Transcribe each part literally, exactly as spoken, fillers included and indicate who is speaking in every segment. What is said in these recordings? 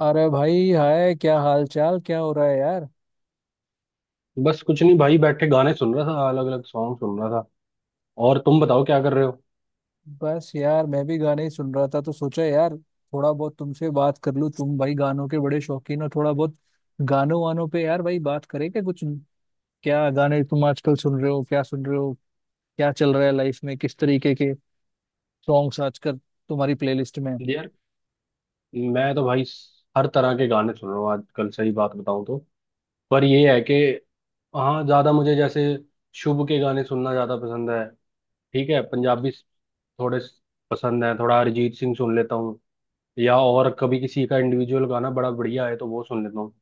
Speaker 1: अरे भाई, हाय, क्या हाल चाल, क्या हो रहा है यार।
Speaker 2: बस कुछ नहीं भाई, बैठे गाने सुन रहा था, अलग अलग सॉन्ग सुन रहा था। और तुम बताओ क्या कर रहे हो।
Speaker 1: बस यार, मैं भी गाने ही सुन रहा था, तो सोचा यार थोड़ा बहुत तुमसे बात कर लूं। तुम भाई गानों के बड़े शौकीन हो थोड़ा बहुत। गानों वानों पे यार भाई बात करें क्या कुछ। क्या गाने तुम आजकल सुन रहे हो, क्या सुन रहे हो क्या चल रहा है लाइफ में, किस तरीके के सॉन्ग्स आजकल तुम्हारी प्लेलिस्ट में हैं?
Speaker 2: यार मैं तो भाई स- हर तरह के गाने सुन रहा हूँ आजकल, सही बात बताऊं तो। पर ये है कि हाँ, ज्यादा मुझे जैसे शुभ के गाने सुनना ज्यादा पसंद है। ठीक है, पंजाबी स- थोड़े स- पसंद है। थोड़ा अरिजीत सिंह सुन लेता हूँ, या और कभी किसी का इंडिविजुअल गाना बड़ा बढ़िया है तो वो सुन लेता हूँ।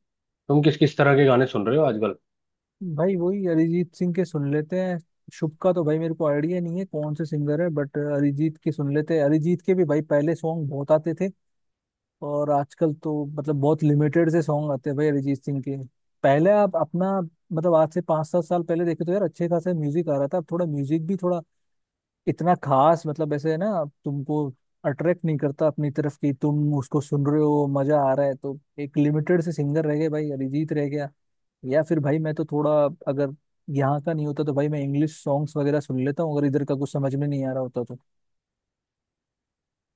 Speaker 2: तुम किस किस तरह के गाने सुन रहे हो आजकल।
Speaker 1: भाई, वही अरिजीत सिंह के सुन लेते हैं। शुभ का तो भाई मेरे को आइडिया नहीं है कौन से सिंगर है, बट अरिजीत के सुन लेते हैं। अरिजीत के भी भाई पहले सॉन्ग बहुत आते थे, और आजकल तो मतलब बहुत लिमिटेड से सॉन्ग आते हैं भाई, अरिजीत सिंह के। पहले आप अपना मतलब आज से पाँच सात साल पहले देखे तो यार अच्छे खासे म्यूजिक आ रहा था। अब थोड़ा म्यूजिक भी थोड़ा इतना खास मतलब ऐसे है ना, अब तुमको अट्रैक्ट नहीं करता अपनी तरफ कि तुम उसको सुन रहे हो मजा आ रहा है। तो एक लिमिटेड से सिंगर रह गए भाई, अरिजीत रह गया। या फिर भाई मैं तो थोड़ा, अगर यहाँ का नहीं होता तो भाई मैं इंग्लिश सॉन्ग्स वगैरह सुन लेता हूँ, अगर इधर का कुछ समझ में नहीं आ रहा होता तो।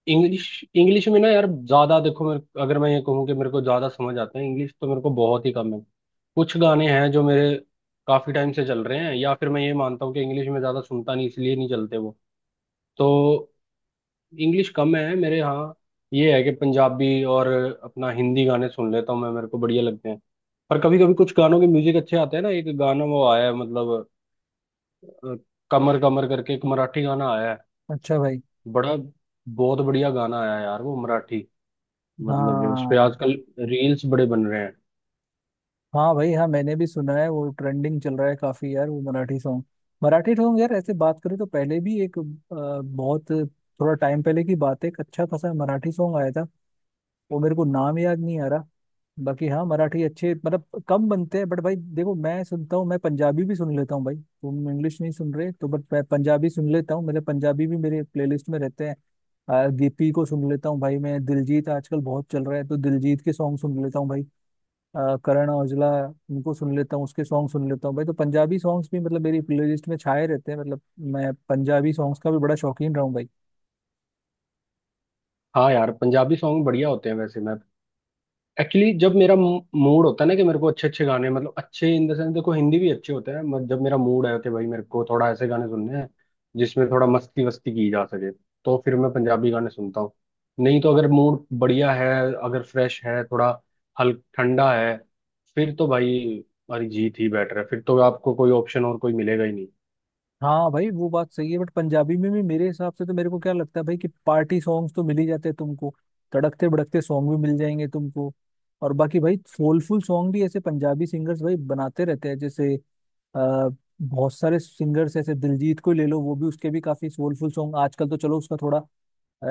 Speaker 2: इंग्लिश इंग्लिश में ना यार, ज्यादा देखो, मेरे, अगर मैं ये कहूँ कि मेरे को ज्यादा समझ आता है इंग्लिश, तो मेरे को बहुत ही कम है। कुछ गाने हैं जो मेरे काफी टाइम से चल रहे हैं, या फिर मैं ये मानता हूँ कि इंग्लिश में ज्यादा सुनता नहीं, इसलिए नहीं चलते वो। तो इंग्लिश कम है मेरे यहाँ। ये है कि पंजाबी और अपना हिंदी गाने सुन लेता हूँ, मैं मेरे को बढ़िया लगते हैं। पर कभी कभी कुछ गानों के म्यूजिक अच्छे आते हैं ना, एक गाना वो आया है, मतलब अ, कमर कमर करके एक मराठी गाना आया है।
Speaker 1: अच्छा भाई।
Speaker 2: बड़ा बहुत बढ़िया गाना आया है यार वो मराठी, मतलब उस पे
Speaker 1: हाँ।
Speaker 2: आजकल रील्स बड़े बन रहे हैं।
Speaker 1: हाँ भाई, हाँ मैंने भी सुना है, वो ट्रेंडिंग चल रहा है काफी यार वो मराठी सॉन्ग। मराठी सॉन्ग यार ऐसे बात करें तो पहले भी एक अ, बहुत थोड़ा टाइम पहले की बात है, एक अच्छा खासा मराठी सॉन्ग आया था। वो मेरे को नाम याद नहीं आ रहा। बाकी हाँ मराठी अच्छे मतलब कम बनते हैं, बट भाई देखो मैं सुनता हूँ, मैं पंजाबी भी सुन लेता हूँ भाई। तुम इंग्लिश नहीं सुन रहे तो, बट मैं पंजाबी सुन लेता हूँ, मेरे पंजाबी भी मेरे प्लेलिस्ट में रहते हैं। अ, गिप्पी को सुन लेता हूँ भाई, मैं दिलजीत आजकल बहुत चल रहा है तो दिलजीत के सॉन्ग सुन लेता हूँ भाई। अ, करण औजला, उनको सुन लेता हूँ, उसके सॉन्ग सुन लेता हूँ भाई। तो पंजाबी सॉन्ग्स भी मतलब मेरी प्लेलिस्ट में छाए रहते हैं। मतलब मैं पंजाबी सॉन्ग्स का भी बड़ा शौकीन रहा हूँ भाई।
Speaker 2: हाँ यार, पंजाबी सॉन्ग बढ़िया होते हैं। वैसे मैं एक्चुअली जब मेरा मूड होता है ना, कि मेरे को अच्छे अच्छे गाने, मतलब अच्छे इन द सेंस देखो, हिंदी भी अच्छे होते हैं, मत जब मेरा मूड है कि भाई मेरे को थोड़ा ऐसे गाने सुनने हैं जिसमें थोड़ा मस्ती वस्ती की जा सके, तो फिर मैं पंजाबी गाने सुनता हूँ। नहीं तो अगर मूड बढ़िया है, अगर फ्रेश है, थोड़ा हल्क ठंडा है, फिर तो भाई अरिजीत ही बेटर है। फिर तो आपको कोई ऑप्शन और कोई मिलेगा ही नहीं।
Speaker 1: हाँ भाई वो बात सही है, बट पंजाबी में भी मेरे हिसाब से, तो मेरे को क्या लगता है भाई कि पार्टी सॉन्ग्स तो मिल ही जाते हैं तुमको, तड़कते भड़कते सॉन्ग भी मिल जाएंगे तुमको। और बाकी भाई सोलफुल सॉन्ग भी ऐसे पंजाबी सिंगर्स भाई बनाते रहते हैं, जैसे अ, बहुत सारे सिंगर्स ऐसे दिलजीत को ही ले लो, वो भी उसके भी काफी सोलफुल सॉन्ग आजकल तो चलो, उसका थोड़ा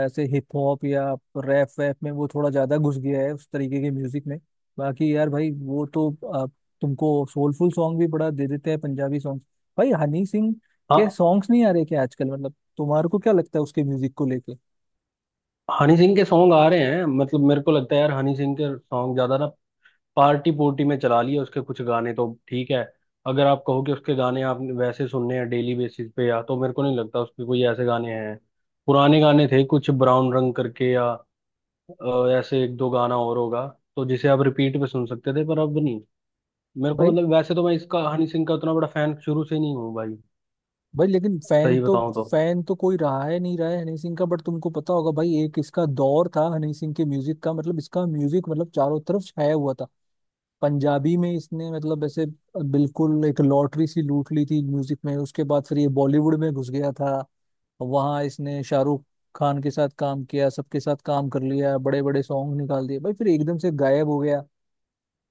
Speaker 1: ऐसे हिप हॉप या रैप वैप में वो थोड़ा ज्यादा घुस गया है, उस तरीके के म्यूजिक में। बाकी यार भाई वो तो आ, तुमको सोलफुल सॉन्ग भी बड़ा दे देते हैं पंजाबी सॉन्ग। भाई हनी सिंह के
Speaker 2: हाँ,
Speaker 1: सॉन्ग्स नहीं आ रहे क्या आजकल, मतलब तुम्हारे को क्या लगता है उसके म्यूजिक को लेके।
Speaker 2: हनी सिंह के सॉन्ग आ रहे हैं, मतलब मेरे को लगता है यार हनी सिंह के सॉन्ग ज्यादा ना, पार्टी पुर्टी में चला लिया, उसके कुछ गाने तो ठीक है। अगर आप कहो कि उसके गाने आप वैसे सुनने हैं डेली बेसिस पे, या तो मेरे को नहीं लगता उसके कोई ऐसे गाने हैं। पुराने गाने थे कुछ, ब्राउन रंग करके, या अ, ऐसे एक दो गाना और होगा तो जिसे आप रिपीट पे सुन सकते थे, पर अब नहीं। मेरे को
Speaker 1: भाई,
Speaker 2: मतलब, वैसे तो मैं इसका हनी सिंह का उतना बड़ा फैन शुरू से नहीं हूँ भाई,
Speaker 1: भाई लेकिन फैन
Speaker 2: सही
Speaker 1: तो
Speaker 2: बताऊं तो।
Speaker 1: फैन तो कोई रहा है नहीं रहा है हनी सिंह का, बट तुमको पता होगा भाई, एक इसका दौर था हनी सिंह के म्यूजिक का, मतलब इसका म्यूजिक मतलब चारों तरफ छाया हुआ था। पंजाबी में इसने मतलब ऐसे बिल्कुल एक लॉटरी सी लूट ली थी म्यूजिक में। उसके बाद फिर ये बॉलीवुड में घुस गया था, वहां इसने शाहरुख खान के साथ काम किया, सबके साथ काम कर लिया, बड़े बड़े सॉन्ग निकाल दिए भाई, फिर एकदम से गायब हो गया।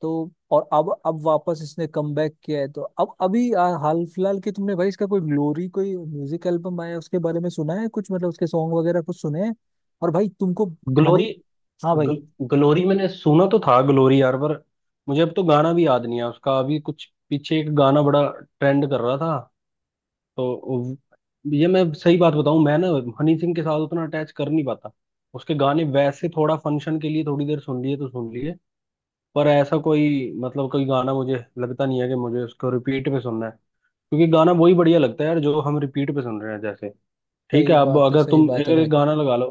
Speaker 1: तो और अब अब वापस इसने कम बैक किया है, तो अब अभी आ, हाल फिलहाल के, तुमने भाई इसका कोई ग्लोरी कोई म्यूजिक एल्बम आया उसके बारे में सुना है कुछ, मतलब उसके सॉन्ग वगैरह कुछ सुने हैं? और भाई तुमको हानि।
Speaker 2: ग्लोरी,
Speaker 1: हाँ भाई।
Speaker 2: ग्ल, ग्लोरी मैंने सुना तो था, ग्लोरी यार, पर मुझे अब तो गाना भी याद नहीं है उसका। अभी कुछ पीछे एक गाना बड़ा ट्रेंड कर रहा था तो, ये मैं सही बात बताऊं, मैं ना हनी सिंह के साथ उतना अटैच कर नहीं पाता। उसके गाने वैसे थोड़ा फंक्शन के लिए थोड़ी देर सुन लिए तो सुन लिए, पर ऐसा कोई मतलब कोई गाना मुझे लगता नहीं है कि मुझे उसको रिपीट पे सुनना है। क्योंकि गाना वही बढ़िया लगता है यार जो हम रिपीट पे सुन रहे हैं। जैसे ठीक
Speaker 1: सही
Speaker 2: है, अब
Speaker 1: बात है
Speaker 2: अगर
Speaker 1: सही
Speaker 2: तुम,
Speaker 1: बात है
Speaker 2: अगर
Speaker 1: भाई।
Speaker 2: एक गाना लगा लो,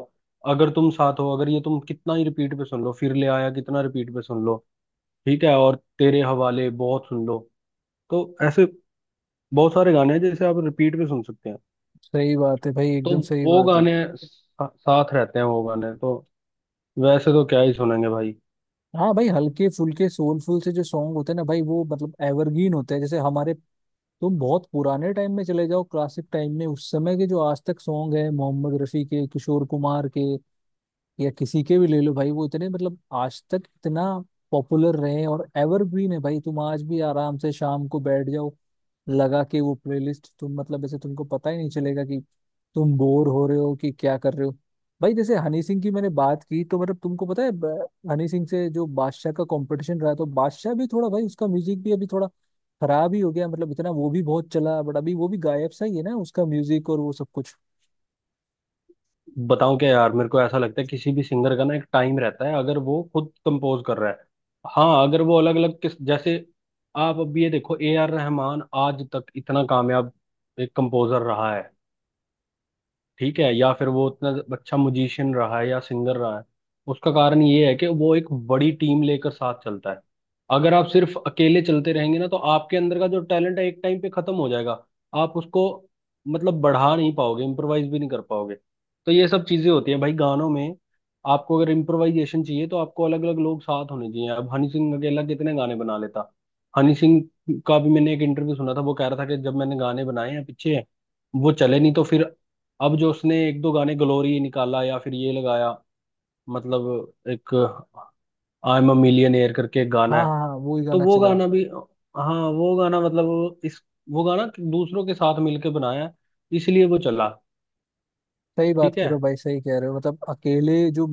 Speaker 2: अगर तुम साथ हो, अगर ये तुम कितना ही रिपीट पे सुन लो, फिर ले आया कितना रिपीट पे सुन लो, ठीक है, और तेरे हवाले बहुत सुन लो, तो ऐसे बहुत सारे गाने हैं जैसे आप रिपीट पे सुन सकते हैं।
Speaker 1: सही बात है भाई,
Speaker 2: तो
Speaker 1: एकदम सही
Speaker 2: वो
Speaker 1: बात है।
Speaker 2: गाने सा- साथ रहते हैं, वो गाने तो वैसे तो क्या ही सुनेंगे भाई।
Speaker 1: हाँ भाई हल्के फुल्के सोलफुल से जो सॉन्ग होते हैं ना भाई, वो मतलब एवरग्रीन होते हैं। जैसे हमारे, तुम बहुत पुराने टाइम में चले जाओ क्लासिक टाइम में, उस समय के जो आज तक सॉन्ग है, मोहम्मद रफी के, किशोर कुमार के, या किसी के भी ले लो भाई, वो इतने मतलब आज तक इतना पॉपुलर रहे हैं और एवरग्रीन है भाई। तुम आज भी आराम से शाम को बैठ जाओ, लगा के वो प्लेलिस्ट, तुम मतलब ऐसे तुमको पता ही नहीं चलेगा कि तुम बोर हो रहे हो कि क्या कर रहे हो। भाई जैसे हनी सिंह की मैंने बात की, तो मतलब तुमको पता है ब- हनी सिंह से जो बादशाह का कंपटीशन रहा, तो बादशाह भी थोड़ा भाई, उसका म्यूजिक भी अभी थोड़ा खराब ही हो गया, मतलब इतना वो भी बहुत चला, बट अभी वो भी गायब सा ही है ना, उसका म्यूजिक और वो सब कुछ।
Speaker 2: बताऊं क्या यार, मेरे को ऐसा लगता है किसी भी सिंगर का ना एक टाइम रहता है, अगर वो खुद कंपोज कर रहा है। हाँ, अगर वो अलग अलग किस जैसे, आप अब ये देखो ए आर रहमान आज तक इतना कामयाब एक कंपोजर रहा है, ठीक है, या फिर वो उतना अच्छा म्यूजिशियन रहा है, या सिंगर रहा है, उसका कारण ये है कि वो एक बड़ी टीम लेकर साथ चलता है। अगर आप सिर्फ अकेले चलते रहेंगे ना, तो आपके अंदर का जो टैलेंट है एक टाइम पे खत्म हो जाएगा। आप उसको मतलब बढ़ा नहीं पाओगे, इम्प्रोवाइज भी नहीं कर पाओगे। तो ये सब चीजें होती है भाई गानों में। आपको अगर इम्प्रोवाइजेशन चाहिए, तो आपको अलग अलग लोग साथ होने चाहिए। अब हनी सिंह अकेला कितने गाने बना लेता। हनी सिंह का भी मैंने एक इंटरव्यू सुना था, वो कह रहा था कि जब मैंने गाने बनाए हैं पीछे, वो चले नहीं, तो फिर अब जो उसने एक दो गाने, ग्लोरी निकाला या फिर ये लगाया, मतलब एक आई एम अ मिलियनेयर करके एक गाना
Speaker 1: हाँ
Speaker 2: है,
Speaker 1: हाँ हाँ, वो ही
Speaker 2: तो
Speaker 1: गाना
Speaker 2: वो
Speaker 1: चला है।
Speaker 2: गाना भी, हाँ वो गाना मतलब वो इस, वो गाना दूसरों के साथ मिलके बनाया है, इसलिए वो चला।
Speaker 1: सही बात
Speaker 2: ठीक
Speaker 1: कह
Speaker 2: है
Speaker 1: रहे हो भाई, सही कह रहे हो। मतलब अकेले जो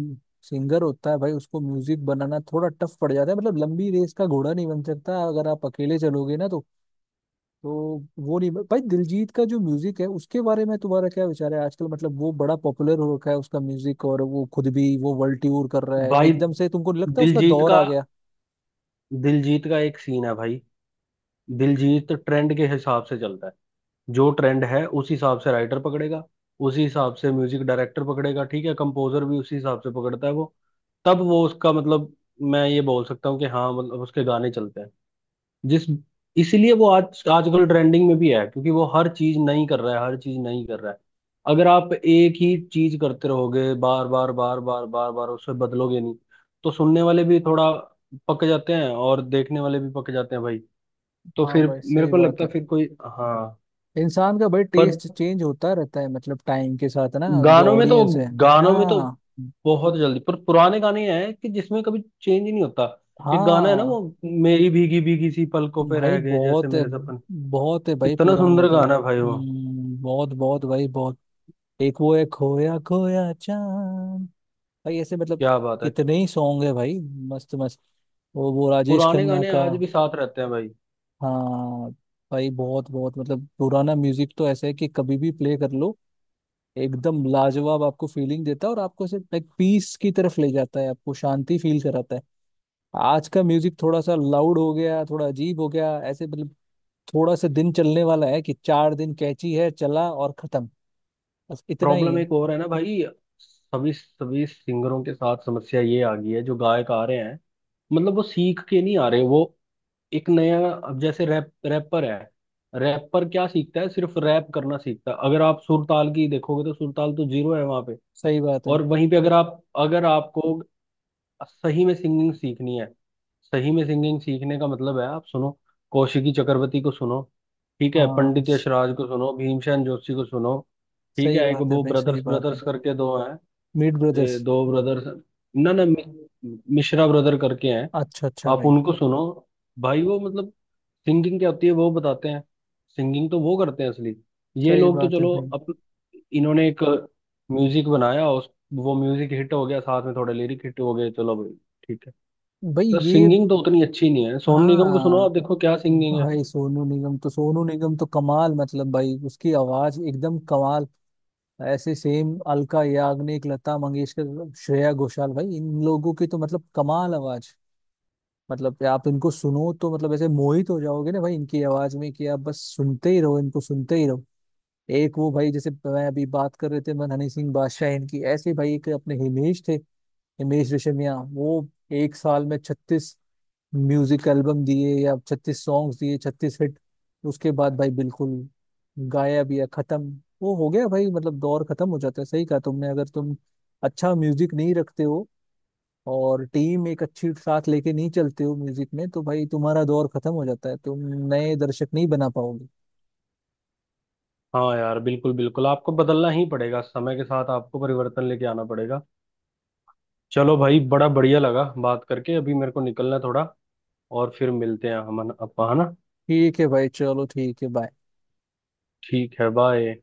Speaker 1: सिंगर होता है भाई, उसको म्यूजिक बनाना थोड़ा टफ पड़ जाता है, मतलब लंबी रेस का घोड़ा नहीं बन सकता अगर आप अकेले चलोगे ना तो। तो वो नहीं भाई, दिलजीत का जो म्यूजिक है उसके बारे में तुम्हारा क्या विचार है आजकल, मतलब वो बड़ा पॉपुलर हो रखा है उसका म्यूजिक, और वो खुद भी वो वर्ल्ड टूर कर रहा है।
Speaker 2: भाई,
Speaker 1: एकदम से तुमको नहीं लगता उसका
Speaker 2: दिलजीत
Speaker 1: दौर
Speaker 2: का,
Speaker 1: आ गया?
Speaker 2: दिलजीत का एक सीन है भाई। दिलजीत ट्रेंड के हिसाब से चलता है, जो ट्रेंड है उस हिसाब से राइटर पकड़ेगा, उसी हिसाब से म्यूजिक डायरेक्टर पकड़ेगा, ठीक है, कंपोजर भी उसी हिसाब से पकड़ता है वो। तब वो उसका मतलब, मैं ये बोल सकता हूँ कि हाँ मतलब उसके गाने चलते हैं। जिस, इसीलिए वो आज आजकल ट्रेंडिंग में भी है, क्योंकि वो हर चीज नहीं कर रहा है, हर चीज नहीं कर रहा है। अगर आप एक ही चीज करते रहोगे बार बार बार बार बार बार, उसे बदलोगे नहीं, तो सुनने वाले भी थोड़ा पक जाते हैं, और देखने वाले भी पक जाते हैं भाई। तो
Speaker 1: हाँ
Speaker 2: फिर
Speaker 1: भाई
Speaker 2: मेरे
Speaker 1: सही
Speaker 2: को
Speaker 1: बात
Speaker 2: लगता
Speaker 1: है।
Speaker 2: है फिर कोई। हाँ,
Speaker 1: इंसान का भाई
Speaker 2: पर
Speaker 1: टेस्ट चेंज होता रहता है, मतलब टाइम के साथ ना, जो
Speaker 2: गानों में तो,
Speaker 1: ऑडियंस है।
Speaker 2: गानों में तो
Speaker 1: हाँ।
Speaker 2: बहुत जल्दी, पर पुराने गाने हैं कि जिसमें कभी चेंज ही नहीं होता। एक गाना है ना,
Speaker 1: हाँ
Speaker 2: वो मेरी भीगी भीगी सी पलकों पे
Speaker 1: भाई
Speaker 2: रह गए जैसे
Speaker 1: बहुत है,
Speaker 2: मेरे सपन,
Speaker 1: बहुत है भाई
Speaker 2: कितना
Speaker 1: पुराने
Speaker 2: सुंदर
Speaker 1: तो।
Speaker 2: गाना है भाई वो।
Speaker 1: हम्म, बहुत बहुत भाई बहुत। एक वो है खोया खोया चांद भाई, ऐसे मतलब
Speaker 2: क्या बात है,
Speaker 1: कितने ही सॉन्ग है भाई, मस्त मस्त। वो वो राजेश
Speaker 2: पुराने
Speaker 1: खन्ना
Speaker 2: गाने
Speaker 1: का।
Speaker 2: आज भी साथ रहते हैं भाई।
Speaker 1: हाँ भाई बहुत बहुत, मतलब पुराना म्यूजिक तो ऐसा है कि कभी भी प्ले कर लो, एकदम लाजवाब आपको फीलिंग देता है, और आपको ऐसे लाइक पीस की तरफ ले जाता है, आपको शांति फील कराता है। आज का म्यूजिक थोड़ा सा लाउड हो गया, थोड़ा अजीब हो गया, ऐसे मतलब थोड़ा सा दिन चलने वाला है कि चार दिन कैची है, चला और खत्म। बस इतना ही
Speaker 2: प्रॉब्लम
Speaker 1: है।
Speaker 2: एक और है ना भाई, सभी सभी सिंगरों के साथ समस्या ये आ गई है, जो गायक आ रहे हैं, मतलब वो सीख के नहीं आ रहे। वो एक नया, अब जैसे रैप रैपर है, रैपर क्या सीखता है, सिर्फ रैप करना सीखता है। अगर आप सुरताल की देखोगे तो सुरताल तो जीरो है वहां पे।
Speaker 1: सही बात है।
Speaker 2: और वहीं पे अगर आप, अगर आपको सही में सिंगिंग सीखनी है, सही में सिंगिंग सीखने का मतलब है आप सुनो, कौशिकी चक्रवर्ती को सुनो, ठीक है,
Speaker 1: हाँ।
Speaker 2: पंडित
Speaker 1: स-
Speaker 2: यशराज को सुनो, भीमसेन जोशी को सुनो, ठीक है।
Speaker 1: सही
Speaker 2: एक
Speaker 1: बात है
Speaker 2: वो
Speaker 1: भाई,
Speaker 2: ब्रदर्स
Speaker 1: सही बात है।
Speaker 2: ब्रदर्स करके दो हैं,
Speaker 1: मीट ब्रदर्स।
Speaker 2: ए, दो ब्रदर्स, ना ना मि- मिश्रा ब्रदर करके हैं।
Speaker 1: अच्छा अच्छा
Speaker 2: आप
Speaker 1: भाई।
Speaker 2: उनको सुनो भाई, वो मतलब सिंगिंग क्या होती है वो बताते हैं। सिंगिंग तो वो करते हैं असली। ये
Speaker 1: सही
Speaker 2: लोग तो
Speaker 1: बात है
Speaker 2: चलो
Speaker 1: भाई।
Speaker 2: अप, इन्होंने एक म्यूजिक बनाया, उस, वो म्यूजिक हिट हो गया, साथ में थोड़े लिरिक हिट हो गए, चलो भाई, ठीक है।
Speaker 1: भाई
Speaker 2: तो
Speaker 1: ये।
Speaker 2: सिंगिंग तो उतनी अच्छी नहीं है। सोनू निगम को सुनो आप,
Speaker 1: हाँ
Speaker 2: देखो क्या सिंगिंग है।
Speaker 1: भाई सोनू निगम तो, सोनू निगम तो कमाल, मतलब भाई उसकी आवाज एकदम कमाल। ऐसे सेम अलका याग्निक, लता मंगेशकर, श्रेया घोषाल, भाई इन लोगों की तो मतलब कमाल आवाज, मतलब कि आप इनको सुनो तो मतलब ऐसे मोहित हो जाओगे ना भाई, इनकी आवाज में कि आप बस सुनते ही रहो, इनको सुनते ही रहो। एक वो भाई, जैसे मैं अभी बात कर रहे थे मन, हनी सिंह, बादशाह, इनकी ऐसे ही भाई एक अपने हिमेश थे, हिमेश रेशमिया। वो एक साल में छत्तीस म्यूजिक एल्बम दिए, या छत्तीस सॉन्ग्स दिए, छत्तीस हिट। उसके बाद भाई बिल्कुल गायब या खत्म। वो हो गया भाई, मतलब दौर खत्म हो जाता है। सही कहा तुमने, अगर तुम अच्छा म्यूजिक नहीं रखते हो और टीम एक अच्छी साथ लेके नहीं चलते हो म्यूजिक में, तो भाई तुम्हारा दौर खत्म हो जाता है, तुम नए दर्शक नहीं बना पाओगे।
Speaker 2: हाँ यार, बिल्कुल बिल्कुल आपको बदलना ही पड़ेगा, समय के साथ आपको परिवर्तन लेके आना पड़ेगा। चलो भाई, बड़ा बढ़िया लगा बात करके। अभी मेरे को निकलना है थोड़ा, और फिर मिलते हैं हम, अपन- अपन है ना।
Speaker 1: ठीक है भाई, चलो ठीक है, बाय।
Speaker 2: ठीक है, बाय।